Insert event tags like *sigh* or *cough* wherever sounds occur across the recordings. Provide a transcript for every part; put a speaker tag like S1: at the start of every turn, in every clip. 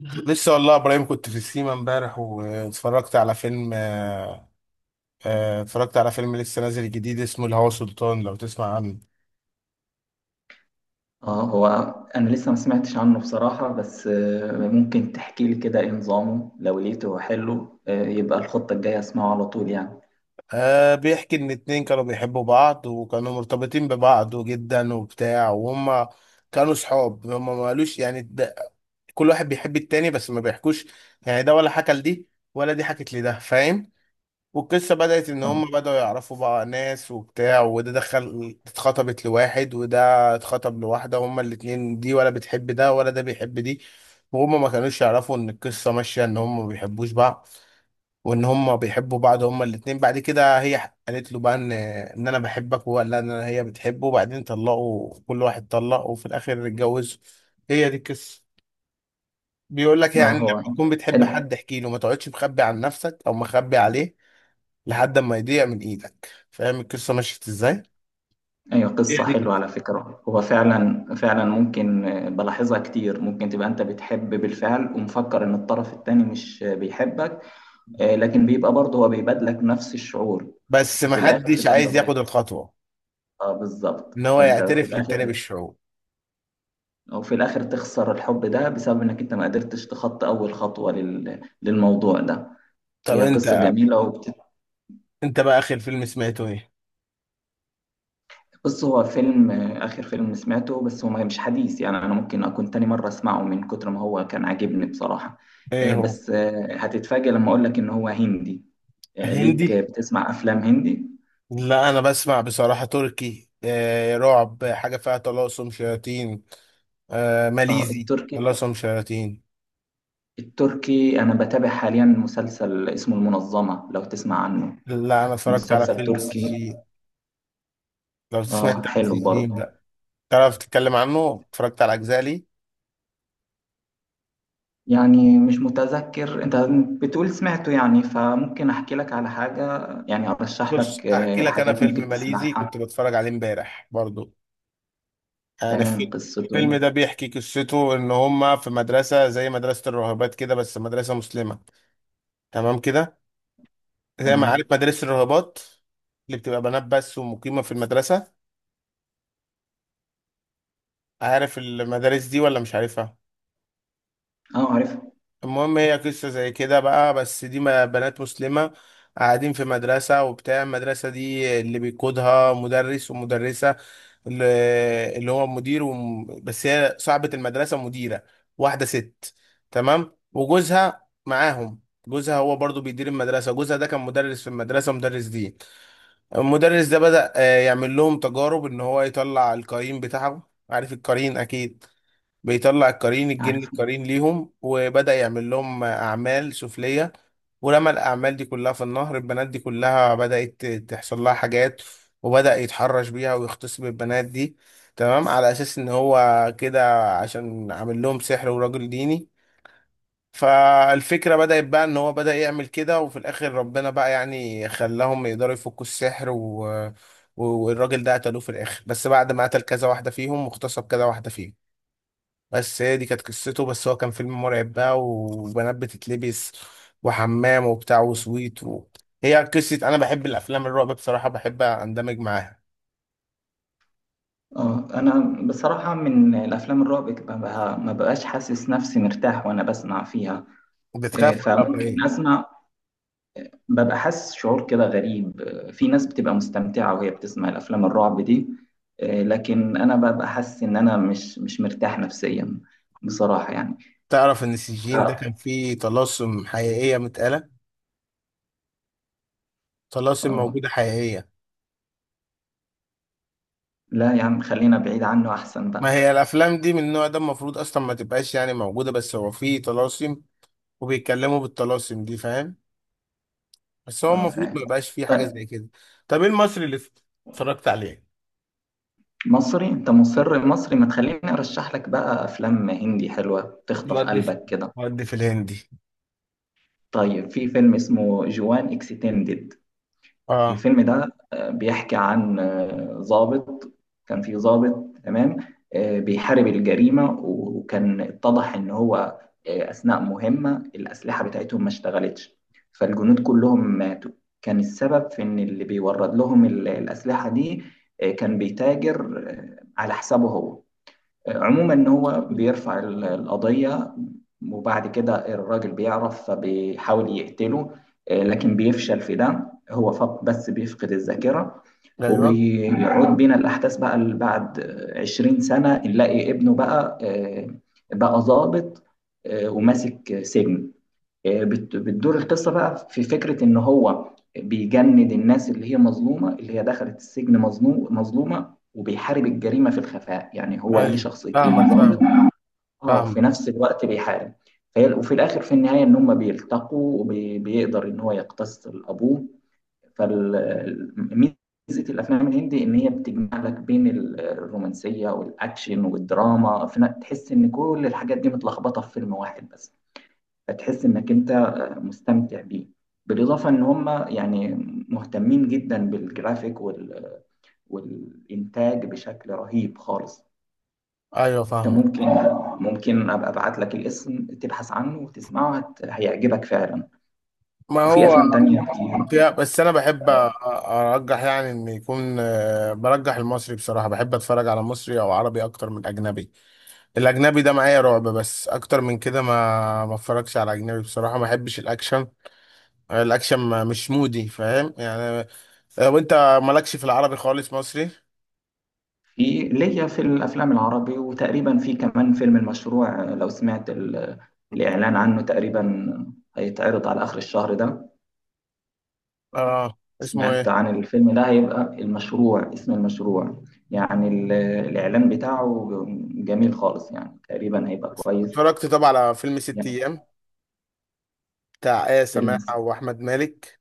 S1: لسه والله يا ابراهيم، كنت في السيما امبارح واتفرجت على فيلم. اتفرجت على فيلم لسه نازل جديد اسمه الهوى سلطان، لو تسمع عنه
S2: اه، هو. انا لسه ما سمعتش عنه بصراحة، بس ممكن تحكي لي كده ايه نظامه؟ لو لقيته حلو يبقى الخطة الجاية اسمعه على طول يعني.
S1: آه، بيحكي ان اتنين كانوا بيحبوا بعض وكانوا مرتبطين ببعض جدا وبتاع، وهم كانوا صحاب. هم ما قالوش، يعني ده كل واحد بيحب التاني بس ما بيحكوش. يعني ده ولا حكى لدي ولا دي حكت لده، فاهم. والقصة بدأت إن
S2: اه،
S1: هم بدأوا يعرفوا بقى ناس وبتاع، وده دخل اتخطبت لواحد، وده اتخطب لواحدة. هما الاتنين دي ولا بتحب ده ولا ده بيحب دي، وهما ما كانوش يعرفوا إن القصة ماشية إن هما ما بيحبوش بعض، وإن هما بيحبوا بعض. هما الاتنين بعد كده هي قالت له بقى إن أنا بحبك، وهو قال لها إن أنا هي بتحبه، وبعدين طلقوا، كل واحد طلق، وفي الآخر اتجوزوا. هي دي القصة. بيقول لك
S2: اه،
S1: يعني لما
S2: هو
S1: تكون بتحب
S2: حلو.
S1: حد احكي له، ما تقعدش مخبي عن نفسك أو مخبي عليه لحد ما يضيع من ايدك. فاهم القصه مشيت ازاي؟
S2: ايوه،
S1: هي
S2: قصة
S1: دي
S2: حلوة
S1: كده،
S2: على فكرة. هو فعلا فعلا ممكن بلاحظها كتير. ممكن تبقى انت بتحب بالفعل ومفكر ان الطرف التاني مش بيحبك، لكن بيبقى برضه هو بيبادلك نفس الشعور،
S1: بس
S2: وفي الاخر
S1: محدش
S2: تبقى انت
S1: عايز
S2: ضايق.
S1: ياخد الخطوه
S2: اه، بالظبط.
S1: ان هو
S2: فانت في
S1: يعترف للتاني
S2: الاخر،
S1: بالشعور.
S2: وفي الآخر تخسر الحب ده بسبب إنك أنت ما قدرتش تخطي أول خطوة للموضوع ده.
S1: طب
S2: هي قصة
S1: انت،
S2: جميلة
S1: انت بقى اخر فيلم سمعته ايه؟
S2: بص، هو آخر فيلم سمعته، بس هو مش حديث يعني. أنا ممكن أكون تاني مرة أسمعه من كتر ما هو كان عاجبني بصراحة.
S1: ايه هو؟
S2: بس هتتفاجأ لما أقول لك إن هو هندي. ليك
S1: هندي؟
S2: بتسمع أفلام هندي؟
S1: لا انا بسمع بصراحه تركي، آه، رعب، حاجه فيها طلاسم شياطين. آه ماليزي،
S2: التركي.
S1: طلاسم شياطين.
S2: التركي أنا بتابع حاليا مسلسل اسمه المنظمة، لو تسمع عنه.
S1: لا انا اتفرجت على
S2: مسلسل
S1: فيلم
S2: تركي.
S1: سجين، لو تسمع انت عن
S2: حلو
S1: سجين
S2: برضه.
S1: بقى تعرف تتكلم عنه؟ اتفرجت على اجزاء ليه.
S2: يعني مش متذكر. انت بتقول سمعته يعني، فممكن احكي لك على حاجة، يعني ارشح
S1: بص
S2: لك
S1: هحكي لك انا
S2: حاجات
S1: فيلم
S2: ممكن
S1: ماليزي
S2: تسمعها.
S1: كنت بتفرج عليه امبارح برضو. يعني
S2: تمام،
S1: في
S2: قصته
S1: الفيلم
S2: يعني
S1: ده بيحكي قصته ان هما في مدرسة زي مدرسة الراهبات كده، بس مدرسة مسلمة، تمام كده. زي ما
S2: تمام.
S1: عارف مدارس الراهبات اللي بتبقى بنات بس ومقيمة في المدرسة، عارف المدارس دي ولا مش عارفها؟
S2: اه، عارف
S1: المهم هي قصة زي كده بقى، بس دي بنات مسلمة قاعدين في مدرسة، وبتاع المدرسة دي اللي بيقودها مدرس ومدرسة، اللي اللي هو مدير بس هي صاحبة المدرسة مديرة، واحدة ست، تمام، وجوزها معاهم. جوزها هو برضو بيدير المدرسة. جوزها ده كان مدرس في المدرسة، مدرس دين. المدرس ده بدأ يعمل لهم تجارب ان هو يطلع القرين بتاعه، عارف القرين اكيد. بيطلع القرين، الجن،
S2: عارف.
S1: القرين ليهم، وبدأ يعمل لهم أعمال سفلية. ولما الأعمال دي كلها في النهر، البنات دي كلها بدأت تحصل لها حاجات، وبدأ يتحرش بيها ويغتصب البنات دي، تمام، على أساس إن هو كده عشان عامل لهم سحر وراجل ديني. فالفكرة بدأت بقى إن هو بدأ يعمل كده، وفي الآخر ربنا بقى يعني خلاهم يقدروا يفكوا السحر. والراجل ده قتلوه في الآخر، بس بعد ما قتل كذا واحدة فيهم واغتصب كذا واحدة فيهم. بس هي دي كانت قصته، بس هو كان فيلم مرعب بقى، وبنات بتتلبس وحمام وبتاع وسويت. هي قصة أنا بحب الأفلام الرعب بصراحة، بحب أندمج معاها.
S2: اه، انا بصراحة من الافلام الرعب ما بقاش حاسس نفسي مرتاح وانا بسمع فيها.
S1: بتخاف ولا
S2: فممكن
S1: إيه؟
S2: اسمع، ببقى حاسس شعور كده غريب. في ناس بتبقى مستمتعة وهي بتسمع الافلام الرعب دي، لكن انا ببقى حاسس ان انا مش مرتاح نفسيا بصراحة يعني.
S1: تعرف إن السجين ده كان
S2: اه.
S1: فيه طلاسم حقيقية متقالة، طلاسم
S2: آه.
S1: موجودة حقيقية.
S2: لا يا عم، خلينا بعيد عنه احسن بقى.
S1: ما هي الأفلام دي من النوع ده المفروض أصلا ما تبقاش يعني موجودة، بس هو فيه طلاسم وبيتكلموا بالطلاسم دي، فاهم؟ بس هو
S2: اه،
S1: المفروض ما
S2: فاهم.
S1: يبقاش فيه حاجة
S2: طيب.
S1: زي كده. طب إيه المصري اللي اتفرجت عليه؟
S2: مصري؟ انت مصري، ما تخليني ارشح لك بقى افلام هندي حلوة تخطف
S1: ودي في،
S2: قلبك كده.
S1: ودي في الهندي.
S2: طيب، في فيلم اسمه جوان اكستندد.
S1: اه،
S2: الفيلم ده بيحكي عن ضابط. كان في ضابط، تمام. بيحارب الجريمة، وكان اتضح إن هو أثناء مهمة الأسلحة بتاعتهم ما اشتغلتش، فالجنود كلهم ماتوا. كان السبب في إن اللي بيورد لهم الأسلحة دي كان بيتاجر على حسابه هو. عموما هو بيرفع القضية، وبعد كده الراجل بيعرف فبيحاول يقتله، لكن بيفشل في ده. هو بس بيفقد الذاكرة.
S1: ايوه،
S2: وبيعود بينا الأحداث بقى اللي بعد 20 سنة، نلاقي ابنه بقى بقى ضابط وماسك سجن. بتدور القصة بقى في فكرة إن هو بيجند الناس اللي هي مظلومة، اللي هي دخلت السجن مظلومة، وبيحارب الجريمة في الخفاء. يعني هو ليه
S1: ايوه،
S2: شخصيتين،
S1: فاهمك،
S2: ضابط،
S1: فاهمك،
S2: اه، وفي
S1: فاهمك،
S2: نفس الوقت بيحارب. فهي وفي الآخر في النهاية إن هما بيلتقوا وبيقدر إن هو يقتص لأبوه. فميزة الأفلام الهندي إن هي بتجمع لك بين الرومانسية والأكشن والدراما في تحس إن كل الحاجات دي متلخبطة في فيلم واحد بس، فتحس انك انت مستمتع بيه. بالاضافه ان هم يعني مهتمين جدا بالجرافيك والانتاج بشكل رهيب خالص.
S1: ايوه
S2: انت ممكن
S1: فاهمك.
S2: ممكن ابقى ابعت لك الاسم تبحث عنه وتسمعه، هيعجبك فعلا.
S1: ما
S2: وفي
S1: هو،
S2: افلام تانية كتير.
S1: يا بس انا بحب ارجح يعني ان يكون برجح المصري بصراحه، بحب اتفرج على مصري او عربي اكتر من اجنبي. الاجنبي ده معايا رعب بس، اكتر من كده ما اتفرجش على اجنبي بصراحه، ما بحبش الاكشن. الاكشن مش مودي، فاهم يعني. وانت مالكش في العربي خالص، مصري؟
S2: في ليا في الافلام العربي، وتقريبا في كمان فيلم المشروع، لو سمعت الاعلان عنه. تقريبا هيتعرض على اخر الشهر ده.
S1: اه اسمه
S2: سمعت
S1: ايه؟
S2: عن الفيلم ده؟ هيبقى المشروع، اسم المشروع. يعني الإعلان بتاعه جميل خالص، يعني تقريبا هيبقى كويس.
S1: اتفرجت طبعا على فيلم ست
S2: يعني
S1: ايام بتاع آية
S2: فيلم
S1: سماحة وأحمد مالك.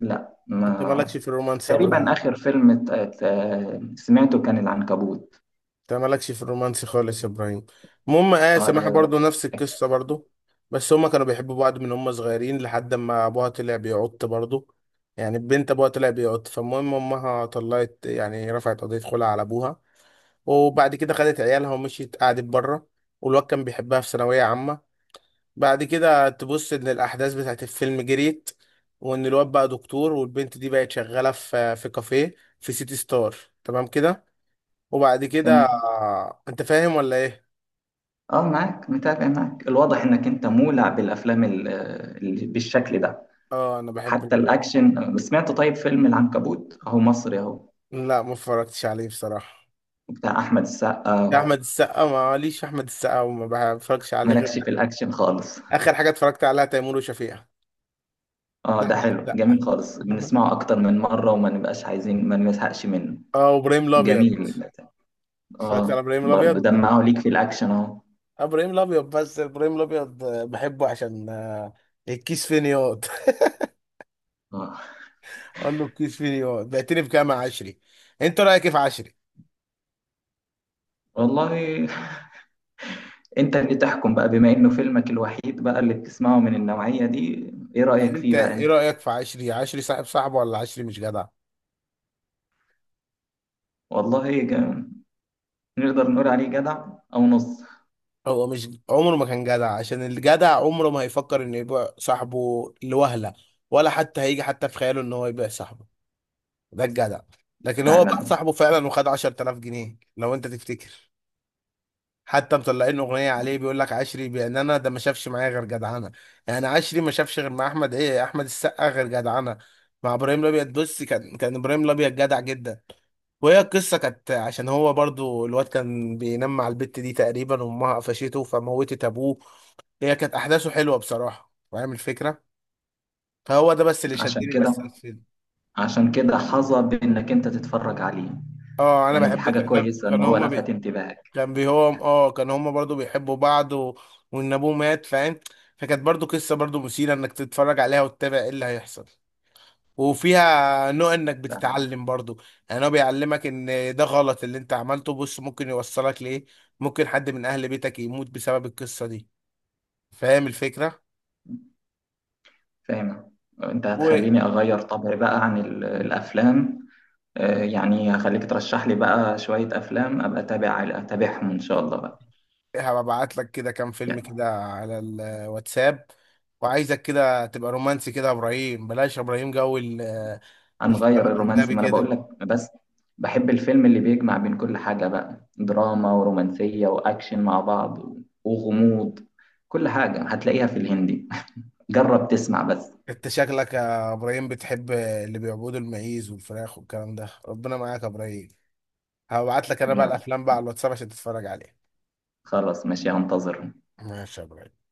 S2: لا.
S1: أنت
S2: ما
S1: مالكش في الرومانس يا
S2: تقريبا
S1: إبراهيم.
S2: آخر فيلم سمعته كان العنكبوت.
S1: أنت مالكش في الرومانس خالص يا إبراهيم. المهم آية
S2: اه،
S1: سماحة
S2: رياض،
S1: برضو نفس
S2: أكشن.
S1: القصة برضو، بس هما كانوا بيحبوا بعض من هما صغيرين، لحد ما أبوها طلع بيعط برضو. يعني البنت أبوها طلع بيعط، فالمهم أمها طلعت يعني رفعت قضية خلع على أبوها، وبعد كده خدت عيالها ومشيت قعدت بره. والواد كان بيحبها في ثانوية عامة. بعد كده تبص ان الاحداث بتاعت الفيلم جريت، وان الواد بقى دكتور، والبنت دي بقت شغاله في كافيه في سيتي ستار، تمام كده. وبعد كده
S2: تمام.
S1: انت فاهم ولا ايه؟
S2: اه، معاك، متابع معاك. الواضح انك انت مولع بالافلام بالشكل ده.
S1: اه انا
S2: حتى الاكشن سمعت. طيب، فيلم العنكبوت اهو، مصري اهو،
S1: لا ما اتفرجتش عليه بصراحه.
S2: بتاع احمد
S1: يا
S2: السقا.
S1: احمد السقا، ما ليش احمد السقا وما بتفرجش عليه غير.
S2: مالكش في الاكشن خالص.
S1: اخر حاجه اتفرجت عليها تيمور وشفيقة.
S2: اه،
S1: لا
S2: ده
S1: احمد
S2: حلو جميل خالص،
S1: السقا. *laughs*
S2: بنسمعه اكتر من مرة وما نبقاش عايزين، ما نزهقش منه.
S1: اه وابراهيم الابيض.
S2: جميل.
S1: اتفرجت على
S2: اه،
S1: ابراهيم
S2: برضه
S1: الابيض.
S2: دمعه ليك في الاكشن اهو.
S1: آه، ابراهيم الابيض، بس ابراهيم الابيض بحبه عشان آه، الكيس فين ياض.
S2: اه،
S1: قال له الكيس فيه بعتني بكام يا عشري. انت رايك ايه في عشري؟
S2: والله انت اللي تحكم بقى، بما انه فيلمك الوحيد بقى اللي بتسمعه من النوعية دي، ايه
S1: يعني
S2: رأيك
S1: انت
S2: فيه بقى
S1: ايه
S2: انت؟
S1: رايك في عشري؟ عشري صاحب صاحبه ولا عشري مش جدع؟
S2: والله نقدر نقول عليه جدع، او نص.
S1: هو مش عمره ما كان جدع، عشان الجدع عمره ما هيفكر انه يبيع صاحبه لوهله، ولا حتى هيجي حتى في خياله ان هو يبيع صاحبه. ده الجدع. لكن هو بقى
S2: فعلا.
S1: صاحبه فعلا وخد 10,000 جنيه، لو انت تفتكر. حتى مطلعين اغنيه عليه، بيقول لك عشري بان انا ده ما شافش معايا غير جدعنه. يعني عشري ما شافش غير مع احمد ايه، احمد السقا، غير جدعنه. مع ابراهيم الابيض بص، كان ابراهيم الابيض جدع جدا. وهي القصه كانت عشان هو برضو الواد كان بينام مع البت دي تقريبا، وامها قفشته فموتت ابوه. هي كانت احداثه حلوه بصراحه، فاهم الفكره؟ فهو ده بس اللي
S2: عشان
S1: شدني بس في
S2: كده،
S1: الفيلم.
S2: عشان كده حظى بانك انت تتفرج عليه.
S1: اه انا
S2: يعني دي حاجة
S1: كان
S2: كويسة ان
S1: كان
S2: هو
S1: هما
S2: لفت
S1: بي...
S2: انتباهك.
S1: كان بيهم، اه كان هما برضو بيحبوا بعض. وان ابوه مات، فاهم. فكانت برضو قصة برضو مثيرة انك تتفرج عليها وتتابع ايه اللي هيحصل، وفيها نوع انك بتتعلم برضو. يعني هو بيعلمك ان ده غلط اللي انت عملته، بص ممكن يوصلك لايه. ممكن حد من اهل بيتك يموت بسبب القصة دي، فاهم الفكرة.
S2: فاهم. انت هتخليني اغير طبعي بقى عن الافلام. يعني هخليك ترشح لي بقى شوية افلام ابقى اتابعهم ان شاء الله بقى.
S1: وهبعت لك كده كام فيلم
S2: يعني
S1: كده على الواتساب، وعايزك كده تبقى رومانسي كده يا ابراهيم، بلاش يا ابراهيم الفيلم
S2: هنغير الرومانسي،
S1: الاجنبي
S2: ما انا بقول
S1: كده.
S2: لك. بس بحب الفيلم اللي بيجمع بين كل حاجة بقى، دراما ورومانسية واكشن مع بعض، وغموض. كل حاجة هتلاقيها في الهندي. *laughs* جرب تسمع بس.
S1: انت شكلك يا ابراهيم بتحب اللي بيعبدوا المعيز والفراخ والكلام ده، ربنا معاك يا ابراهيم. هبعت لك انا بقى
S2: يا رب.
S1: الافلام بقى على الواتساب عشان تتفرج عليها.
S2: خلاص ماشي، هنتظر.
S1: ماشي يا ابراهيم.